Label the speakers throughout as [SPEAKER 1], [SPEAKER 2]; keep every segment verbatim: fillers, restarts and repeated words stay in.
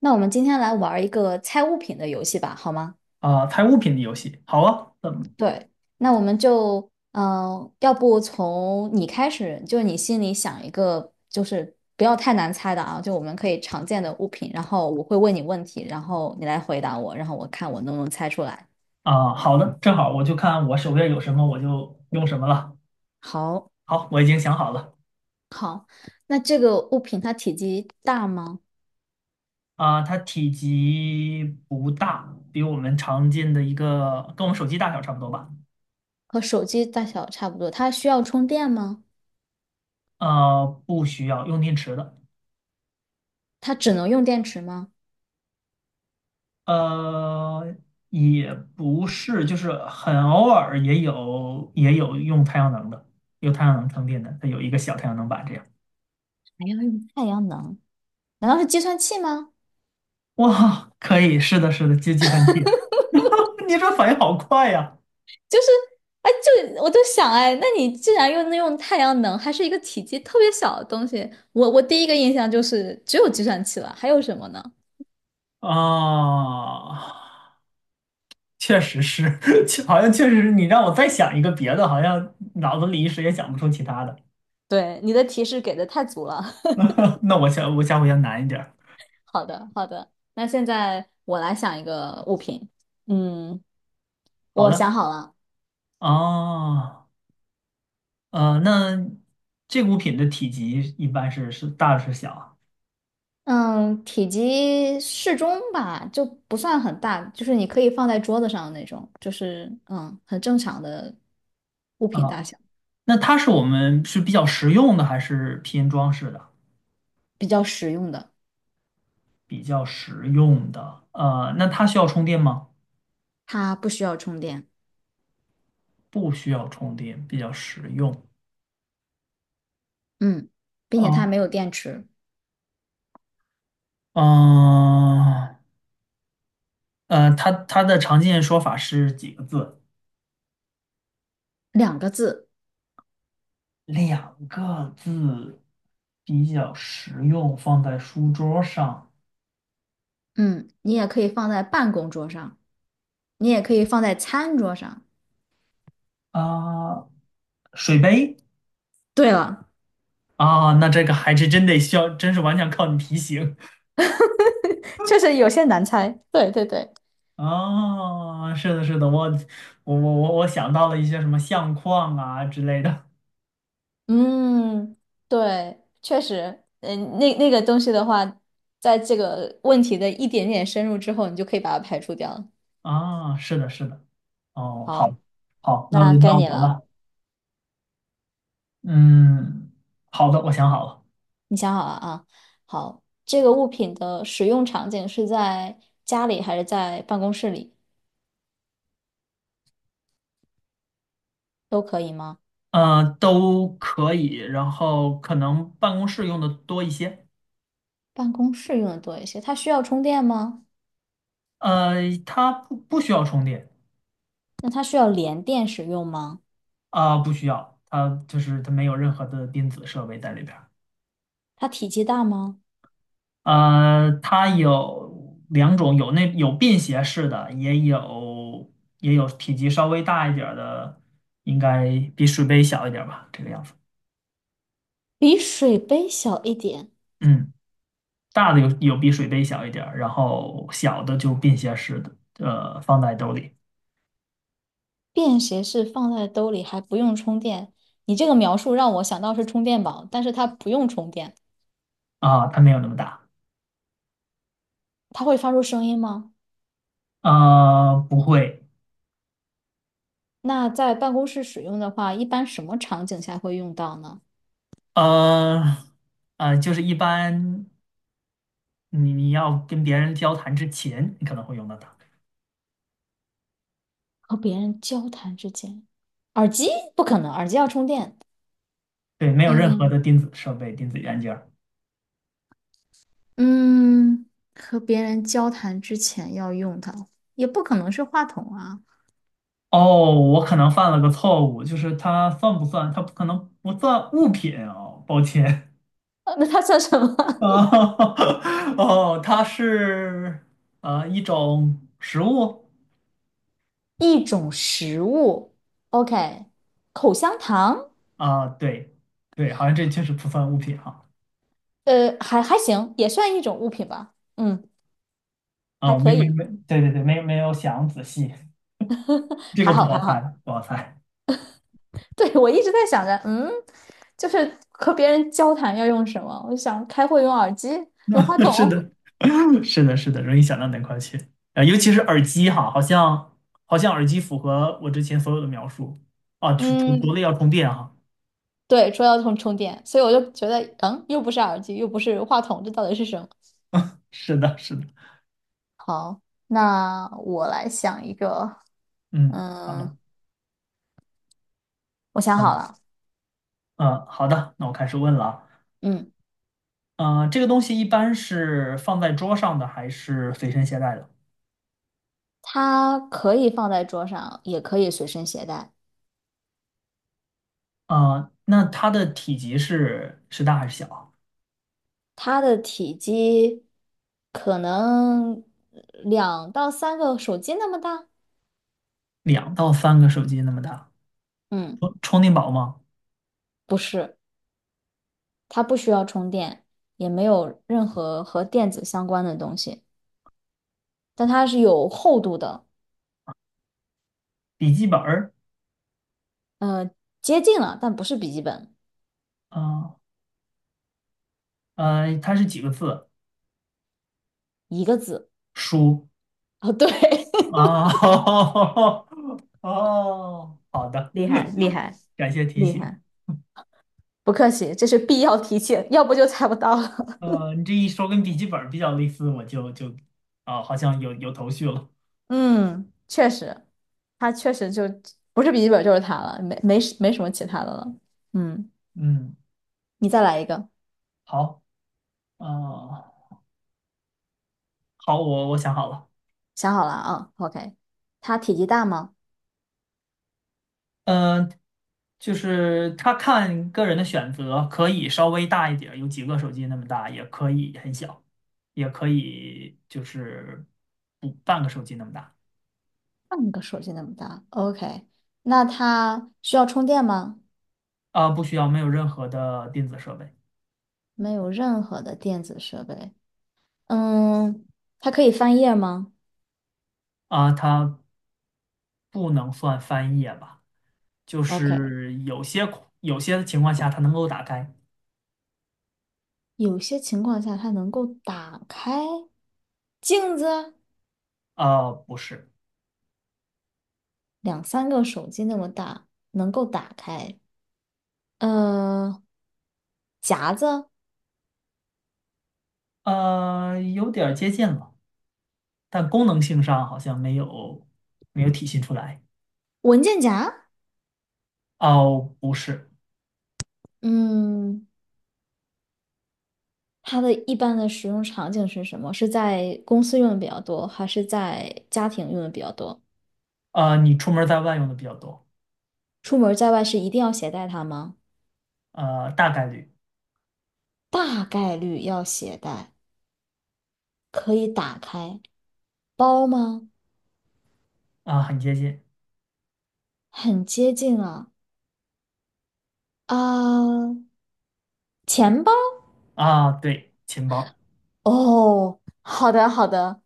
[SPEAKER 1] 那我们今天来玩一个猜物品的游戏吧，好吗？
[SPEAKER 2] 啊，猜物品的游戏。好啊，嗯。
[SPEAKER 1] 对，那我们就，嗯、要不从你开始，就是你心里想一个，就是不要太难猜的啊，就我们可以常见的物品，然后我会问你问题，然后你来回答我，然后我看我能不能猜出来。
[SPEAKER 2] 啊，好的，正好我就看我手边有什么我就用什么了。
[SPEAKER 1] 好，
[SPEAKER 2] 好，我已经想好了。
[SPEAKER 1] 那这个物品它体积大吗？
[SPEAKER 2] 啊，它体积不大，比我们常见的一个跟我们手机大小差不多吧。
[SPEAKER 1] 和手机大小差不多？它需要充电吗？
[SPEAKER 2] 呃，不需要用电池的。
[SPEAKER 1] 它只能用电池吗？
[SPEAKER 2] 呃，也不是，就是很偶尔也有也有用太阳能的，有太阳能充电的，它有一个小太阳能板这样。
[SPEAKER 1] 还要用太阳能？难道是计算器吗？
[SPEAKER 2] 哇，可以，是的，是的，接计算器。你这反应好快呀。
[SPEAKER 1] 就是，哎，就我就想，哎，那你既然又能用太阳能，还是一个体积特别小的东西，我我第一个印象就是只有计算器了，还有什么呢？
[SPEAKER 2] 啊，确实是。确好像确实是你让我再想一个别的，好像脑子里一时也想不出其他的。
[SPEAKER 1] 对，你的提示给的太足了。
[SPEAKER 2] 那我下我下回要难一点儿。
[SPEAKER 1] 好的，好的，那现在我来想一个物品。嗯，
[SPEAKER 2] 好
[SPEAKER 1] 我
[SPEAKER 2] 的。
[SPEAKER 1] 想好了。
[SPEAKER 2] 哦，呃，那这个物品的体积一般是是大是小
[SPEAKER 1] 嗯，体积适中吧，就不算很大，就是你可以放在桌子上的那种，就是嗯，很正常的物
[SPEAKER 2] 啊？
[SPEAKER 1] 品
[SPEAKER 2] 啊，
[SPEAKER 1] 大小，
[SPEAKER 2] 那它是我们是比较实用的还是偏装饰的？
[SPEAKER 1] 比较实用的，
[SPEAKER 2] 比较实用的，呃，那它需要充电吗？
[SPEAKER 1] 它不需要充电。
[SPEAKER 2] 不需要充电，比较实用。
[SPEAKER 1] 嗯，并且它
[SPEAKER 2] 哦，
[SPEAKER 1] 没有电池，
[SPEAKER 2] 嗯、呃，它它的常见说法是几个字？
[SPEAKER 1] 两个字。
[SPEAKER 2] 两个字，比较实用，放在书桌上。
[SPEAKER 1] 嗯，你也可以放在办公桌上，你也可以放在餐桌上。
[SPEAKER 2] 啊。水杯。
[SPEAKER 1] 对了，
[SPEAKER 2] 啊，那这个还是真得需要，真是完全靠你提醒。
[SPEAKER 1] 确实有些难猜。对对对，
[SPEAKER 2] 啊。是的，是的，我我我我我想到了一些什么相框啊之类的。
[SPEAKER 1] 嗯，对，确实，嗯，那那个东西的话，在这个问题的一点点深入之后，你就可以把它排除掉了。
[SPEAKER 2] 啊。是的，是的。哦，好，
[SPEAKER 1] 好，
[SPEAKER 2] 好，那
[SPEAKER 1] 那
[SPEAKER 2] 轮
[SPEAKER 1] 该
[SPEAKER 2] 到
[SPEAKER 1] 你
[SPEAKER 2] 我
[SPEAKER 1] 了，
[SPEAKER 2] 了。嗯，好的，我想好了。
[SPEAKER 1] 你想好了啊？好，这个物品的使用场景是在家里还是在办公室里都可以吗？
[SPEAKER 2] 呃，都可以，然后可能办公室用的多一些。
[SPEAKER 1] 办公室用的多一些。它需要充电吗？
[SPEAKER 2] 呃，它不不需要充电。
[SPEAKER 1] 那它需要连电使用吗？
[SPEAKER 2] 啊，不需要，它就是它没有任何的电子设备在里边儿。
[SPEAKER 1] 它体积大吗？
[SPEAKER 2] 呃，它有两种，有那有便携式的，也有也有体积稍微大一点儿的，应该比水杯小一点儿吧，这个样子。
[SPEAKER 1] 比水杯小一点，
[SPEAKER 2] 嗯，大的有有比水杯小一点儿，然后小的就便携式的，呃，放在兜里。
[SPEAKER 1] 便携式放在兜里还不用充电。你这个描述让我想到是充电宝，但是它不用充电。
[SPEAKER 2] 啊，它没有那么大。
[SPEAKER 1] 它会发出声音吗？
[SPEAKER 2] 呃，不会。
[SPEAKER 1] 那在办公室使用的话，一般什么场景下会用到呢？
[SPEAKER 2] 呃，呃，就是一般你你要跟别人交谈之前，你可能会用到它。
[SPEAKER 1] 和别人交谈之间，耳机不可能，耳机要充电。
[SPEAKER 2] 对，没有任何的
[SPEAKER 1] 嗯，
[SPEAKER 2] 电子设备、电子元件儿。
[SPEAKER 1] 嗯，和别人交谈之前要用它，也不可能是话筒啊。
[SPEAKER 2] 哦，我可能犯了个错误，就是它算不算？它不可能不算物品哦，抱歉。
[SPEAKER 1] 呃那它算什么？
[SPEAKER 2] 哦，哦，它是呃一种食物。
[SPEAKER 1] 一种食物，OK,口香糖，
[SPEAKER 2] 啊，对对，好像这确实不算物品哈。
[SPEAKER 1] 呃，还还行，也算一种物品吧，嗯，还
[SPEAKER 2] 啊，没
[SPEAKER 1] 可
[SPEAKER 2] 没
[SPEAKER 1] 以，
[SPEAKER 2] 没，对对对，没没有想仔细，这个
[SPEAKER 1] 还
[SPEAKER 2] 不
[SPEAKER 1] 好还
[SPEAKER 2] 好猜，
[SPEAKER 1] 好。
[SPEAKER 2] 不好猜。
[SPEAKER 1] 对，我一直在想着，嗯，就是和别人交谈要用什么？我就想开会用耳机，用话
[SPEAKER 2] 是
[SPEAKER 1] 筒，
[SPEAKER 2] 的。是的，是的，容易想到哪块去。啊，尤其是耳机哈，好像好像耳机符合我之前所有的描述。啊，除除除
[SPEAKER 1] 嗯，
[SPEAKER 2] 了要充电哈，
[SPEAKER 1] 对，说要用充电，所以我就觉得，嗯，又不是耳机，又不是话筒，这到底是什么？
[SPEAKER 2] 是的，是的。
[SPEAKER 1] 好，那我来想一个，
[SPEAKER 2] 嗯，好
[SPEAKER 1] 嗯，
[SPEAKER 2] 的。
[SPEAKER 1] 我想
[SPEAKER 2] 嗯
[SPEAKER 1] 好了，
[SPEAKER 2] 嗯，好的，那我开始问了。
[SPEAKER 1] 嗯，
[SPEAKER 2] 啊，呃，这个东西一般是放在桌上的还是随身携带的？
[SPEAKER 1] 它可以放在桌上，也可以随身携带。
[SPEAKER 2] 啊，那它的体积是是大还是小啊？
[SPEAKER 1] 它的体积可能两到三个手机那么大，
[SPEAKER 2] 两到三个手机那么大。
[SPEAKER 1] 嗯，
[SPEAKER 2] 充充电宝吗？
[SPEAKER 1] 不是，它不需要充电，也没有任何和电子相关的东西，但它是有厚度的，
[SPEAKER 2] 笔记本儿？
[SPEAKER 1] 呃，接近了，但不是笔记本，
[SPEAKER 2] 啊呃，它是几个字？
[SPEAKER 1] 一个字。
[SPEAKER 2] 书。
[SPEAKER 1] 哦，对，
[SPEAKER 2] 哦。 哦，好的。
[SPEAKER 1] 厉害厉害
[SPEAKER 2] 感谢提
[SPEAKER 1] 厉
[SPEAKER 2] 醒。
[SPEAKER 1] 害，不客气，这是必要提现，要不就猜不到了。
[SPEAKER 2] 呃，你这一说跟笔记本儿比较类似，我就就。啊，好像有有头绪了。
[SPEAKER 1] 嗯，确实，它确实就不是笔记本就是它了，没没什没什么其他的了。嗯，
[SPEAKER 2] 嗯，
[SPEAKER 1] 你再来一个，
[SPEAKER 2] 好。呃，好，我我想好了。
[SPEAKER 1] 想好了啊，OK。它体积大吗？
[SPEAKER 2] 嗯、就是他看个人的选择，可以稍微大一点儿，有几个手机那么大，也可以很小，也可以就是不半个手机那么大。
[SPEAKER 1] 半个手机那么大，OK。那它需要充电吗？
[SPEAKER 2] 啊，不需要，没有任何的电子设备。
[SPEAKER 1] 没有任何的电子设备。嗯，它可以翻页吗
[SPEAKER 2] 啊，它不能算翻页吧？就
[SPEAKER 1] ？OK。
[SPEAKER 2] 是有些有些情况下它能够打开。
[SPEAKER 1] 有些情况下它能够打开镜子。
[SPEAKER 2] 呃，不是。
[SPEAKER 1] 两三个手机那么大，能够打开。呃，夹子，
[SPEAKER 2] 呃，有点儿接近了，但功能性上好像没有没有体现出来。
[SPEAKER 1] 文件夹，
[SPEAKER 2] 哦，不是。
[SPEAKER 1] 嗯，它的一般的使用场景是什么？是在公司用的比较多，还是在家庭用的比较多？
[SPEAKER 2] 呃，你出门儿在外用的比较多。
[SPEAKER 1] 出门在外是一定要携带它吗？
[SPEAKER 2] 呃，大概率。
[SPEAKER 1] 大概率要携带，可以打开。包吗？
[SPEAKER 2] 啊，很接近。
[SPEAKER 1] 很接近啊，啊，钱包。
[SPEAKER 2] 啊，对，钱包。
[SPEAKER 1] 哦，好的，好的。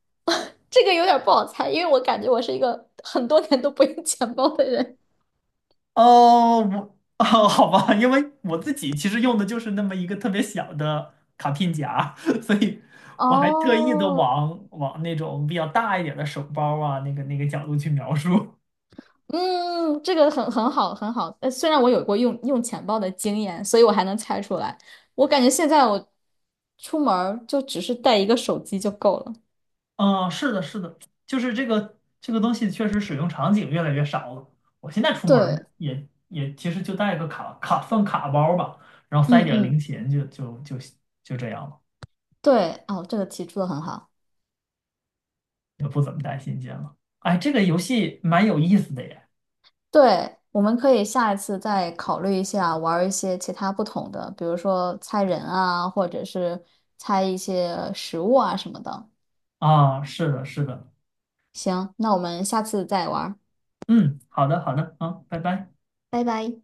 [SPEAKER 1] 这个有点不好猜，因为我感觉我是一个很多年都不用钱包的人。
[SPEAKER 2] 哦，我 哦，好吧，因为我自己其实用的就是那么一个特别小的卡片夹，所以我还特意的
[SPEAKER 1] 哦，
[SPEAKER 2] 往往那种比较大一点的手包啊，那个那个角度去描述。
[SPEAKER 1] 嗯，这个很很好，很好。呃，虽然我有过用用钱包的经验，所以我还能猜出来。我感觉现在我出门儿就只是带一个手机就够了。
[SPEAKER 2] 嗯，是的，是的，就是这个这个东西确实使用场景越来越少了。我现在出门儿
[SPEAKER 1] 对，
[SPEAKER 2] 也也其实就带个卡卡放卡包吧，然后
[SPEAKER 1] 嗯
[SPEAKER 2] 塞点儿零
[SPEAKER 1] 嗯，
[SPEAKER 2] 钱就就就就这样了，
[SPEAKER 1] 对，哦，这个提出的很好。
[SPEAKER 2] 也不怎么带现金了。哎，这个游戏蛮有意思的耶。
[SPEAKER 1] 对，我们可以下一次再考虑一下，玩儿一些其他不同的，比如说猜人啊，或者是猜一些食物啊什么的。
[SPEAKER 2] 啊，是的，是的。
[SPEAKER 1] 行，那我们下次再玩儿，
[SPEAKER 2] 嗯，好的，好的，好，拜拜。
[SPEAKER 1] 拜拜。